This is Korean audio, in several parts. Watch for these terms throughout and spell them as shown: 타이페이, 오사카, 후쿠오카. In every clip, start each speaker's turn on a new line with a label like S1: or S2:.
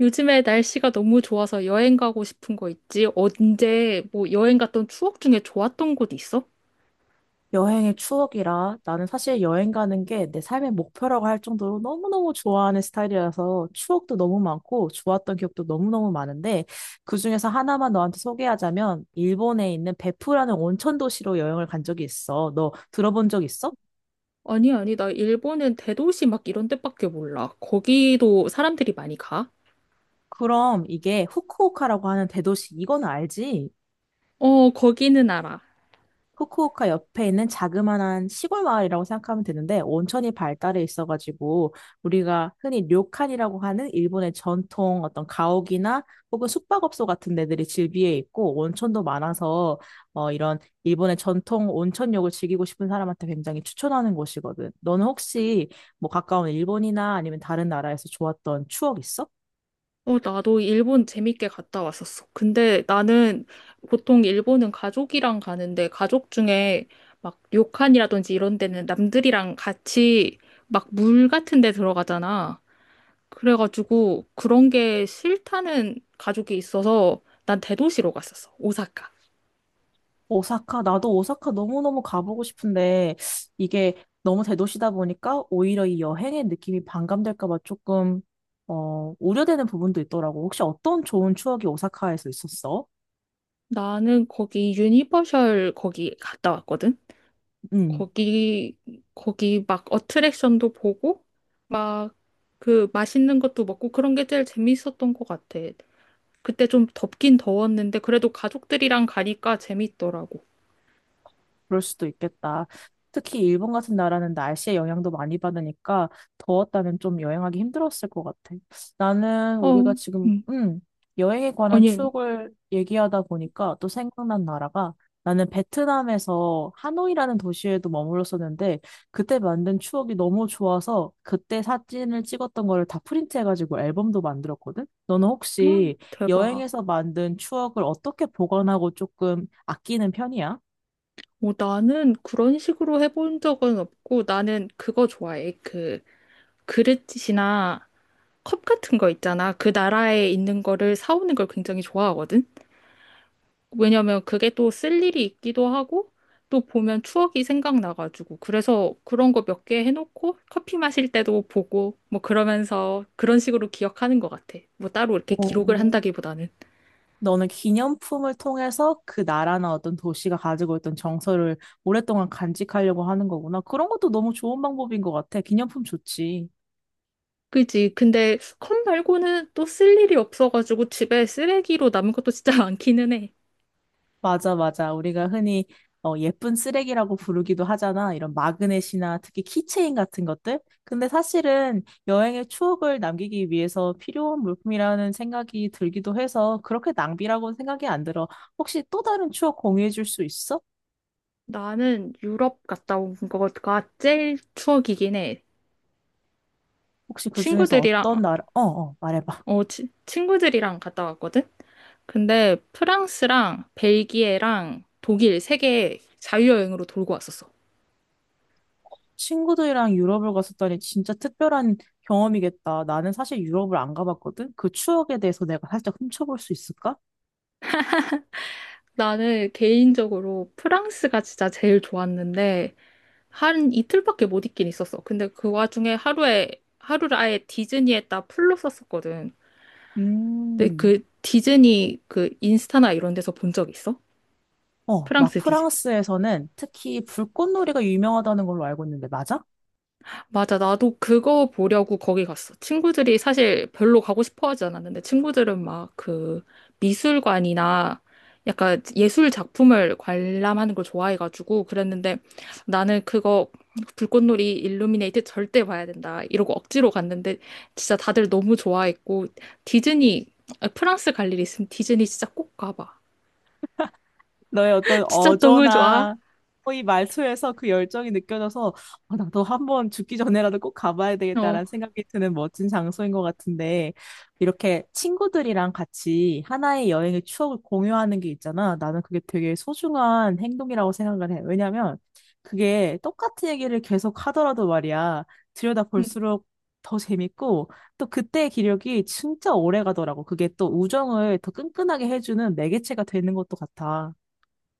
S1: 요즘에 날씨가 너무 좋아서 여행 가고 싶은 거 있지? 언제 뭐 여행 갔던 추억 중에 좋았던 곳 있어?
S2: 여행의 추억이라 나는 사실 여행 가는 게 내 삶의 목표라고 할 정도로 너무너무 좋아하는 스타일이라서 추억도 너무 많고 좋았던 기억도 너무너무 많은데 그중에서 하나만 너한테 소개하자면 일본에 있는 베푸라는 온천 도시로 여행을 간 적이 있어. 너 들어본 적 있어?
S1: 아니, 아니, 나 일본은 대도시 막 이런 데밖에 몰라. 거기도 사람들이 많이 가?
S2: 그럼 이게 후쿠오카라고 하는 대도시 이건 알지?
S1: 어, 거기는 알아.
S2: 후쿠오카 옆에 있는 자그마한 시골 마을이라고 생각하면 되는데 온천이 발달해 있어가지고 우리가 흔히 료칸이라고 하는 일본의 전통 어떤 가옥이나 혹은 숙박업소 같은 데들이 즐비해 있고 온천도 많아서 이런 일본의 전통 온천욕을 즐기고 싶은 사람한테 굉장히 추천하는 곳이거든. 너는 혹시 뭐 가까운 일본이나 아니면 다른 나라에서 좋았던 추억 있어?
S1: 어, 나도 일본 재밌게 갔다 왔었어. 근데 나는 보통 일본은 가족이랑 가는데, 가족 중에 막 료칸이라든지 이런 데는 남들이랑 같이 막 물 같은 데 들어가잖아. 그래가지고 그런 게 싫다는 가족이 있어서 난 대도시로 갔었어. 오사카.
S2: 오사카, 나도 오사카 너무너무 가보고 싶은데 이게 너무 대도시다 보니까 오히려 이 여행의 느낌이 반감될까 봐 우려되는 부분도 있더라고. 혹시 어떤 좋은 추억이 오사카에서 있었어?
S1: 나는 거기 유니버셜 거기 갔다 왔거든.
S2: 음.
S1: 거기 거기 막 어트랙션도 보고 막 그 맛있는 것도 먹고, 그런 게 제일 재밌었던 것 같아. 그때 좀 덥긴 더웠는데 그래도 가족들이랑 가니까 재밌더라고.
S2: 그럴 수도 있겠다. 특히 일본 같은 나라는 날씨의 영향도 많이 받으니까 더웠다면 좀 여행하기 힘들었을 것 같아. 나는
S1: 어,
S2: 우리가 지금,
S1: 음.
S2: 음, 여행에 관한
S1: 아니, 아니.
S2: 추억을 얘기하다 보니까 또 생각난 나라가 나는 베트남에서 하노이라는 도시에도 머물렀었는데 그때 만든 추억이 너무 좋아서 그때 사진을 찍었던 거를 다 프린트해가지고 앨범도 만들었거든? 너는
S1: 헉,
S2: 혹시
S1: 대박.
S2: 여행에서 만든 추억을 어떻게 보관하고 조금 아끼는 편이야?
S1: 뭐 나는 그런 식으로 해본 적은 없고, 나는 그거 좋아해. 그 그릇이나 컵 같은 거 있잖아. 그 나라에 있는 거를 사오는 걸 굉장히 좋아하거든. 왜냐면 그게 또 쓸 일이 있기도 하고, 또 보면 추억이 생각나가지고. 그래서 그런 거 몇 개 해놓고 커피 마실 때도 보고 뭐 그러면서 그런 식으로 기억하는 것 같아. 뭐 따로 이렇게 기록을
S2: 오.
S1: 한다기보다는.
S2: 너는 기념품을 통해서 그 나라나 어떤 도시가 가지고 있던 정서를 오랫동안 간직하려고 하는 거구나. 그런 것도 너무 좋은 방법인 것 같아. 기념품 좋지.
S1: 그지. 근데 컵 말고는 또 쓸 일이 없어가지고 집에 쓰레기로 남은 것도 진짜 많기는 해.
S2: 맞아, 맞아. 우리가 흔히 예쁜 쓰레기라고 부르기도 하잖아. 이런 마그넷이나 특히 키체인 같은 것들. 근데 사실은 여행의 추억을 남기기 위해서 필요한 물품이라는 생각이 들기도 해서 그렇게 낭비라고는 생각이 안 들어. 혹시 또 다른 추억 공유해 줄 수 있어?
S1: 나는 유럽 갔다 온 거가 제일 추억이긴 해.
S2: 혹시 그 중에서
S1: 친구들이랑,
S2: 어떤 나라, 어, 어, 말해봐.
S1: 친구들이랑 갔다 왔거든? 근데 프랑스랑 벨기에랑 독일 세 개 자유여행으로 돌고 왔었어.
S2: 친구들이랑 유럽을 갔었다니 진짜 특별한 경험이겠다. 나는 사실 유럽을 안 가봤거든? 그 추억에 대해서 내가 살짝 훔쳐볼 수 있을까?
S1: 나는 개인적으로 프랑스가 진짜 제일 좋았는데, 한 이틀밖에 못 있긴 있었어. 근데 그 와중에 하루를 아예 디즈니에다 풀로 썼었거든. 근데
S2: 음.
S1: 그 디즈니, 그 인스타나 이런 데서 본 적 있어?
S2: 어, 막
S1: 프랑스
S2: 프랑스에서는 특히 불꽃놀이가 유명하다는 걸로 알고 있는데, 맞아?
S1: 맞아. 나도 그거 보려고 거기 갔어. 친구들이 사실 별로 가고 싶어 하지 않았는데, 친구들은 막 그 미술관이나 약간 예술 작품을 관람하는 걸 좋아해가지고 그랬는데, 나는 그거 불꽃놀이 일루미네이트 절대 봐야 된다, 이러고 억지로 갔는데 진짜 다들 너무 좋아했고. 디즈니, 아, 프랑스 갈 일 있으면 디즈니 진짜 꼭 가봐.
S2: 너의 어떤
S1: 진짜 너무 좋아.
S2: 어조나 이 말투에서 그 열정이 느껴져서 아, 나도 한 번 죽기 전에라도 꼭 가봐야
S1: 어.
S2: 되겠다라는 생각이 드는 멋진 장소인 것 같은데 이렇게 친구들이랑 같이 하나의 여행의 추억을 공유하는 게 있잖아. 나는 그게 되게 소중한 행동이라고 생각을 해. 왜냐면 그게 똑같은 얘기를 계속 하더라도 말이야. 들여다
S1: 응.
S2: 볼수록 더 재밌고 또 그때의 기력이 진짜 오래 가더라고. 그게 또 우정을 더 끈끈하게 해주는 매개체가 되는 것도 같아.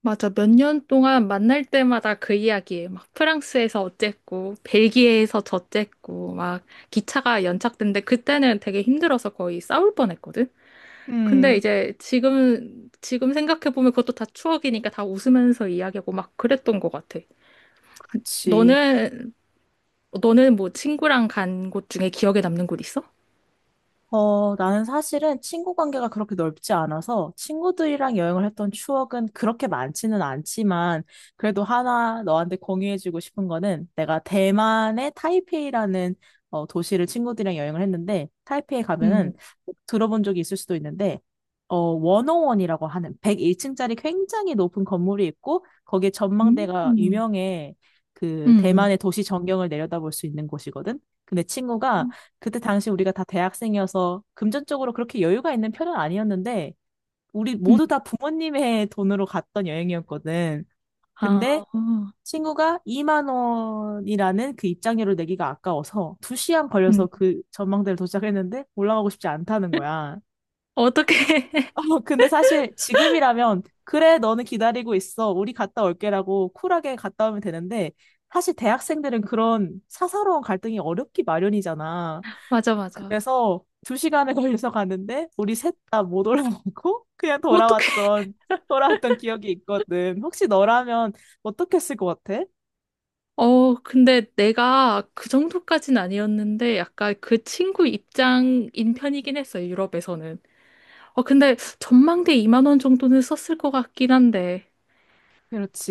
S1: 맞아. 몇 년 동안 만날 때마다 그 이야기에 막 프랑스에서 어쨌고, 벨기에에서 저쨌고, 막 기차가 연착된데 그때는 되게 힘들어서 거의 싸울 뻔했거든. 근데
S2: 음,
S1: 이제 지금 생각해 보면 그것도 다 추억이니까 다 웃으면서 이야기하고 막 그랬던 것 같아.
S2: 그치.
S1: 너는 너는 뭐 친구랑 간 곳 중에 기억에 남는 곳 있어?
S2: 어, 나는 사실은 친구 관계가 그렇게 넓지 않아서 친구들이랑 여행을 했던 추억은 그렇게 많지는 않지만 그래도 하나 너한테 공유해주고 싶은 거는 내가 대만의 타이페이라는 도시를 친구들이랑 여행을 했는데 타이페이 가면은
S1: 음,
S2: 꼭 들어본 적이 있을 수도 있는데 원오원이라고 하는 101층짜리 굉장히 높은 건물이 있고 거기에 전망대가
S1: 음,
S2: 유명해. 그
S1: 음,
S2: 대만의 도시 전경을 내려다볼 수 있는 곳이거든. 근데 친구가 그때 당시 우리가 다 대학생이어서 금전적으로 그렇게 여유가 있는 편은 아니었는데, 우리
S1: 음,
S2: 모두 다 부모님의 돈으로 갔던 여행이었거든.
S1: 아,
S2: 근데 친구가 2만 원이라는 그 입장료를 내기가 아까워서 2시간 걸려서
S1: 음.
S2: 그 전망대를 도착했는데 올라가고 싶지 않다는 거야.
S1: 어떻게?
S2: 근데 사실 지금이라면 그래, 너는 기다리고 있어. 우리 갔다 올게라고 쿨하게 갔다 오면 되는데 사실 대학생들은 그런 사사로운 갈등이 어렵기 마련이잖아.
S1: 맞아, 맞아.
S2: 그래서 두 시간에 걸려서 갔는데 우리 셋 다 못 올라가고 그냥
S1: 어떻게?
S2: 돌아왔던 기억이 있거든. 혹시 너라면 어떻게 했을 것 같아?
S1: 어, 근데 내가 그 정도까진 아니었는데, 약간 그 친구 입장인 편이긴 했어, 유럽에서는. 어, 근데 전망대 2만 원 정도는 썼을 것 같긴 한데.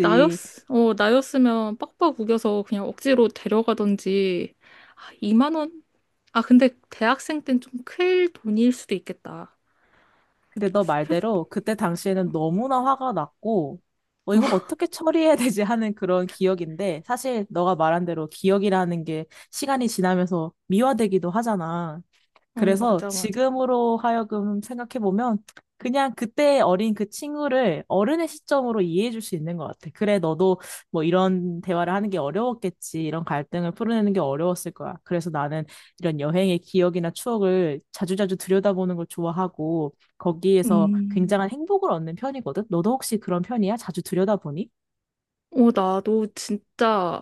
S1: 나였, 나였으면 빡빡 우겨서 그냥 억지로 데려가던지. 아, 2만 원? 아, 근데 대학생 땐 좀 클 돈일 수도 있겠다.
S2: 근데 너
S1: 그래도,
S2: 말대로 그때 당시에는 너무나 화가 났고 이걸 어떻게 처리해야 되지 하는 그런 기억인데 사실 너가 말한 대로 기억이라는 게 시간이 지나면서 미화되기도 하잖아.
S1: 어,
S2: 그래서
S1: 맞아, 맞아.
S2: 지금으로 하여금 생각해보면 그냥 그때 어린 그 친구를 어른의 시점으로 이해해줄 수 있는 것 같아. 그래, 너도 뭐 이런 대화를 하는 게 어려웠겠지. 이런 갈등을 풀어내는 게 어려웠을 거야. 그래서 나는 이런 여행의 기억이나 추억을 자주자주 들여다보는 걸 좋아하고 거기에서
S1: 음.
S2: 굉장한 행복을 얻는 편이거든. 너도 혹시 그런 편이야? 자주 들여다보니?
S1: 어, 나도 진짜,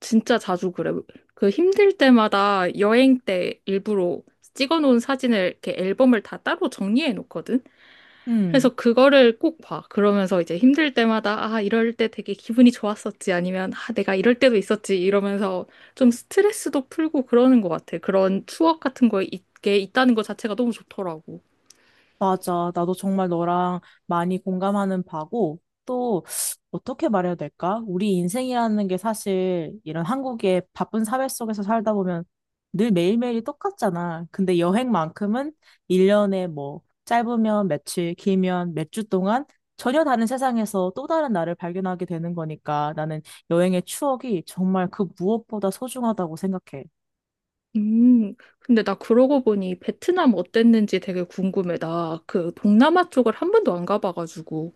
S1: 진짜 자주 그래. 그 힘들 때마다 여행 때 일부러 찍어 놓은 사진을 이렇게 앨범을 다 따로 정리해 놓거든.
S2: 음.
S1: 그래서 그거를 꼭 봐. 그러면서 이제 힘들 때마다, 아, 이럴 때 되게 기분이 좋았었지. 아니면 아, 내가 이럴 때도 있었지. 이러면서 좀 스트레스도 풀고 그러는 것 같아. 그런 추억 같은 거 있게 있다는 것 자체가 너무 좋더라고.
S2: 맞아. 나도 정말 너랑 많이 공감하는 바고, 또, 어떻게 말해야 될까? 우리 인생이라는 게 사실 이런 한국의 바쁜 사회 속에서 살다 보면 늘 매일매일이 똑같잖아. 근데 여행만큼은 1년에 뭐, 짧으면 며칠, 길면 몇 주 동안 전혀 다른 세상에서 또 다른 나를 발견하게 되는 거니까 나는 여행의 추억이 정말 그 무엇보다 소중하다고 생각해.
S1: 근데 나 그러고 보니 베트남 어땠는지 되게 궁금해. 나 그 동남아 쪽을 한 번도 안 가봐가지고.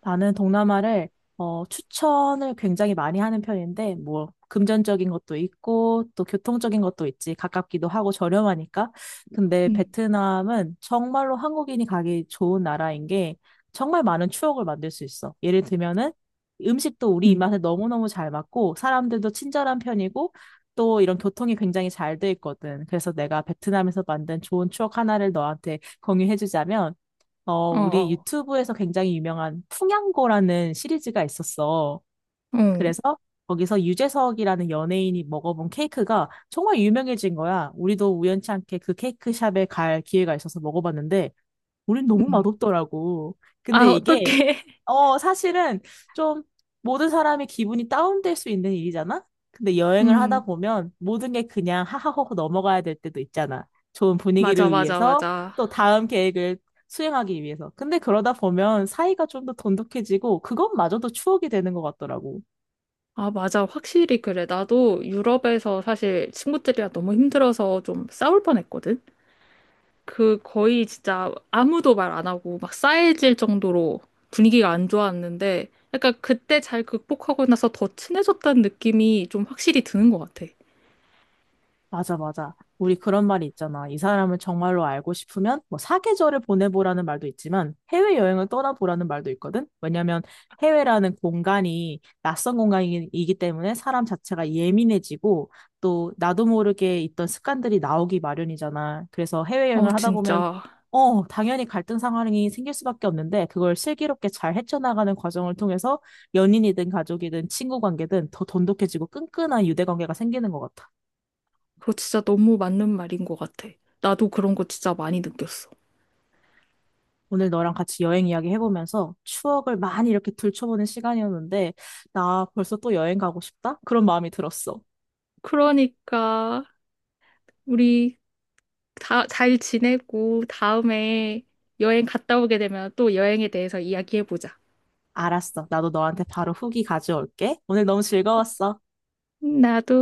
S2: 나는 동남아를 추천을 굉장히 많이 하는 편인데, 뭐, 금전적인 것도 있고, 또 교통적인 것도 있지. 가깝기도 하고 저렴하니까. 근데
S1: 응,
S2: 베트남은 정말로 한국인이 가기 좋은 나라인 게, 정말 많은 추억을 만들 수 있어. 예를 들면은, 음식도 우리
S1: 응,
S2: 입맛에 너무너무 잘 맞고, 사람들도 친절한 편이고, 또 이런 교통이 굉장히 잘 돼 있거든. 그래서 내가 베트남에서 만든 좋은 추억 하나를 너한테 공유해주자면,
S1: 어,
S2: 우리
S1: 어,
S2: 유튜브에서 굉장히 유명한 풍양고라는 시리즈가 있었어.
S1: 어,
S2: 그래서 거기서 유재석이라는 연예인이 먹어본 케이크가 정말 유명해진 거야. 우리도 우연치 않게 그 케이크 샵에 갈 기회가 있어서 먹어봤는데, 우린 너무
S1: 응,
S2: 맛없더라고.
S1: 아,
S2: 근데 이게
S1: 어떡해.
S2: 사실은 좀 모든 사람이 기분이 다운될 수 있는 일이잖아? 근데 여행을 하다
S1: 음,
S2: 보면 모든 게 그냥 하하호호 넘어가야 될 때도 있잖아. 좋은
S1: 맞아,
S2: 분위기를
S1: 맞아,
S2: 위해서
S1: 맞아.
S2: 또 다음 계획을 수행하기 위해서. 근데 그러다 보면 사이가 좀 더 돈독해지고 그것마저도 추억이 되는 것 같더라고.
S1: 아, 맞아. 확실히 그래. 나도 유럽에서 사실 친구들이랑 너무 힘들어서 좀 싸울 뻔했거든. 그 거의 진짜 아무도 말 안 하고 막 싸해질 정도로 분위기가 안 좋았는데, 약간 그때 잘 극복하고 나서 더 친해졌다는 느낌이 좀 확실히 드는 것 같아.
S2: 맞아, 맞아. 우리 그런 말이 있잖아. 이 사람을 정말로 알고 싶으면 뭐 사계절을 보내보라는 말도 있지만 해외여행을 떠나보라는 말도 있거든. 왜냐면 해외라는 공간이 낯선 공간이기 때문에 사람 자체가 예민해지고 또 나도 모르게 있던 습관들이 나오기 마련이잖아. 그래서
S1: 어,
S2: 해외여행을 하다 보면
S1: 진짜.
S2: 당연히 갈등 상황이 생길 수밖에 없는데 그걸 슬기롭게 잘 헤쳐나가는 과정을 통해서 연인이든 가족이든 친구 관계든 더 돈독해지고 끈끈한 유대 관계가 생기는 것 같아.
S1: 그거 진짜 너무 맞는 말인 것 같아. 나도 그런 거 진짜 많이 느꼈어.
S2: 오늘 너랑 같이 여행 이야기 해보면서 추억을 많이 이렇게 들춰보는 시간이었는데, 나 벌써 또 여행 가고 싶다? 그런 마음이 들었어.
S1: 그러니까 우리 다 잘 지내고, 다음에 여행 갔다 오게 되면 또 여행에 대해서 이야기해보자.
S2: 알았어. 나도 너한테 바로 후기 가져올게. 오늘 너무 즐거웠어.
S1: 나도.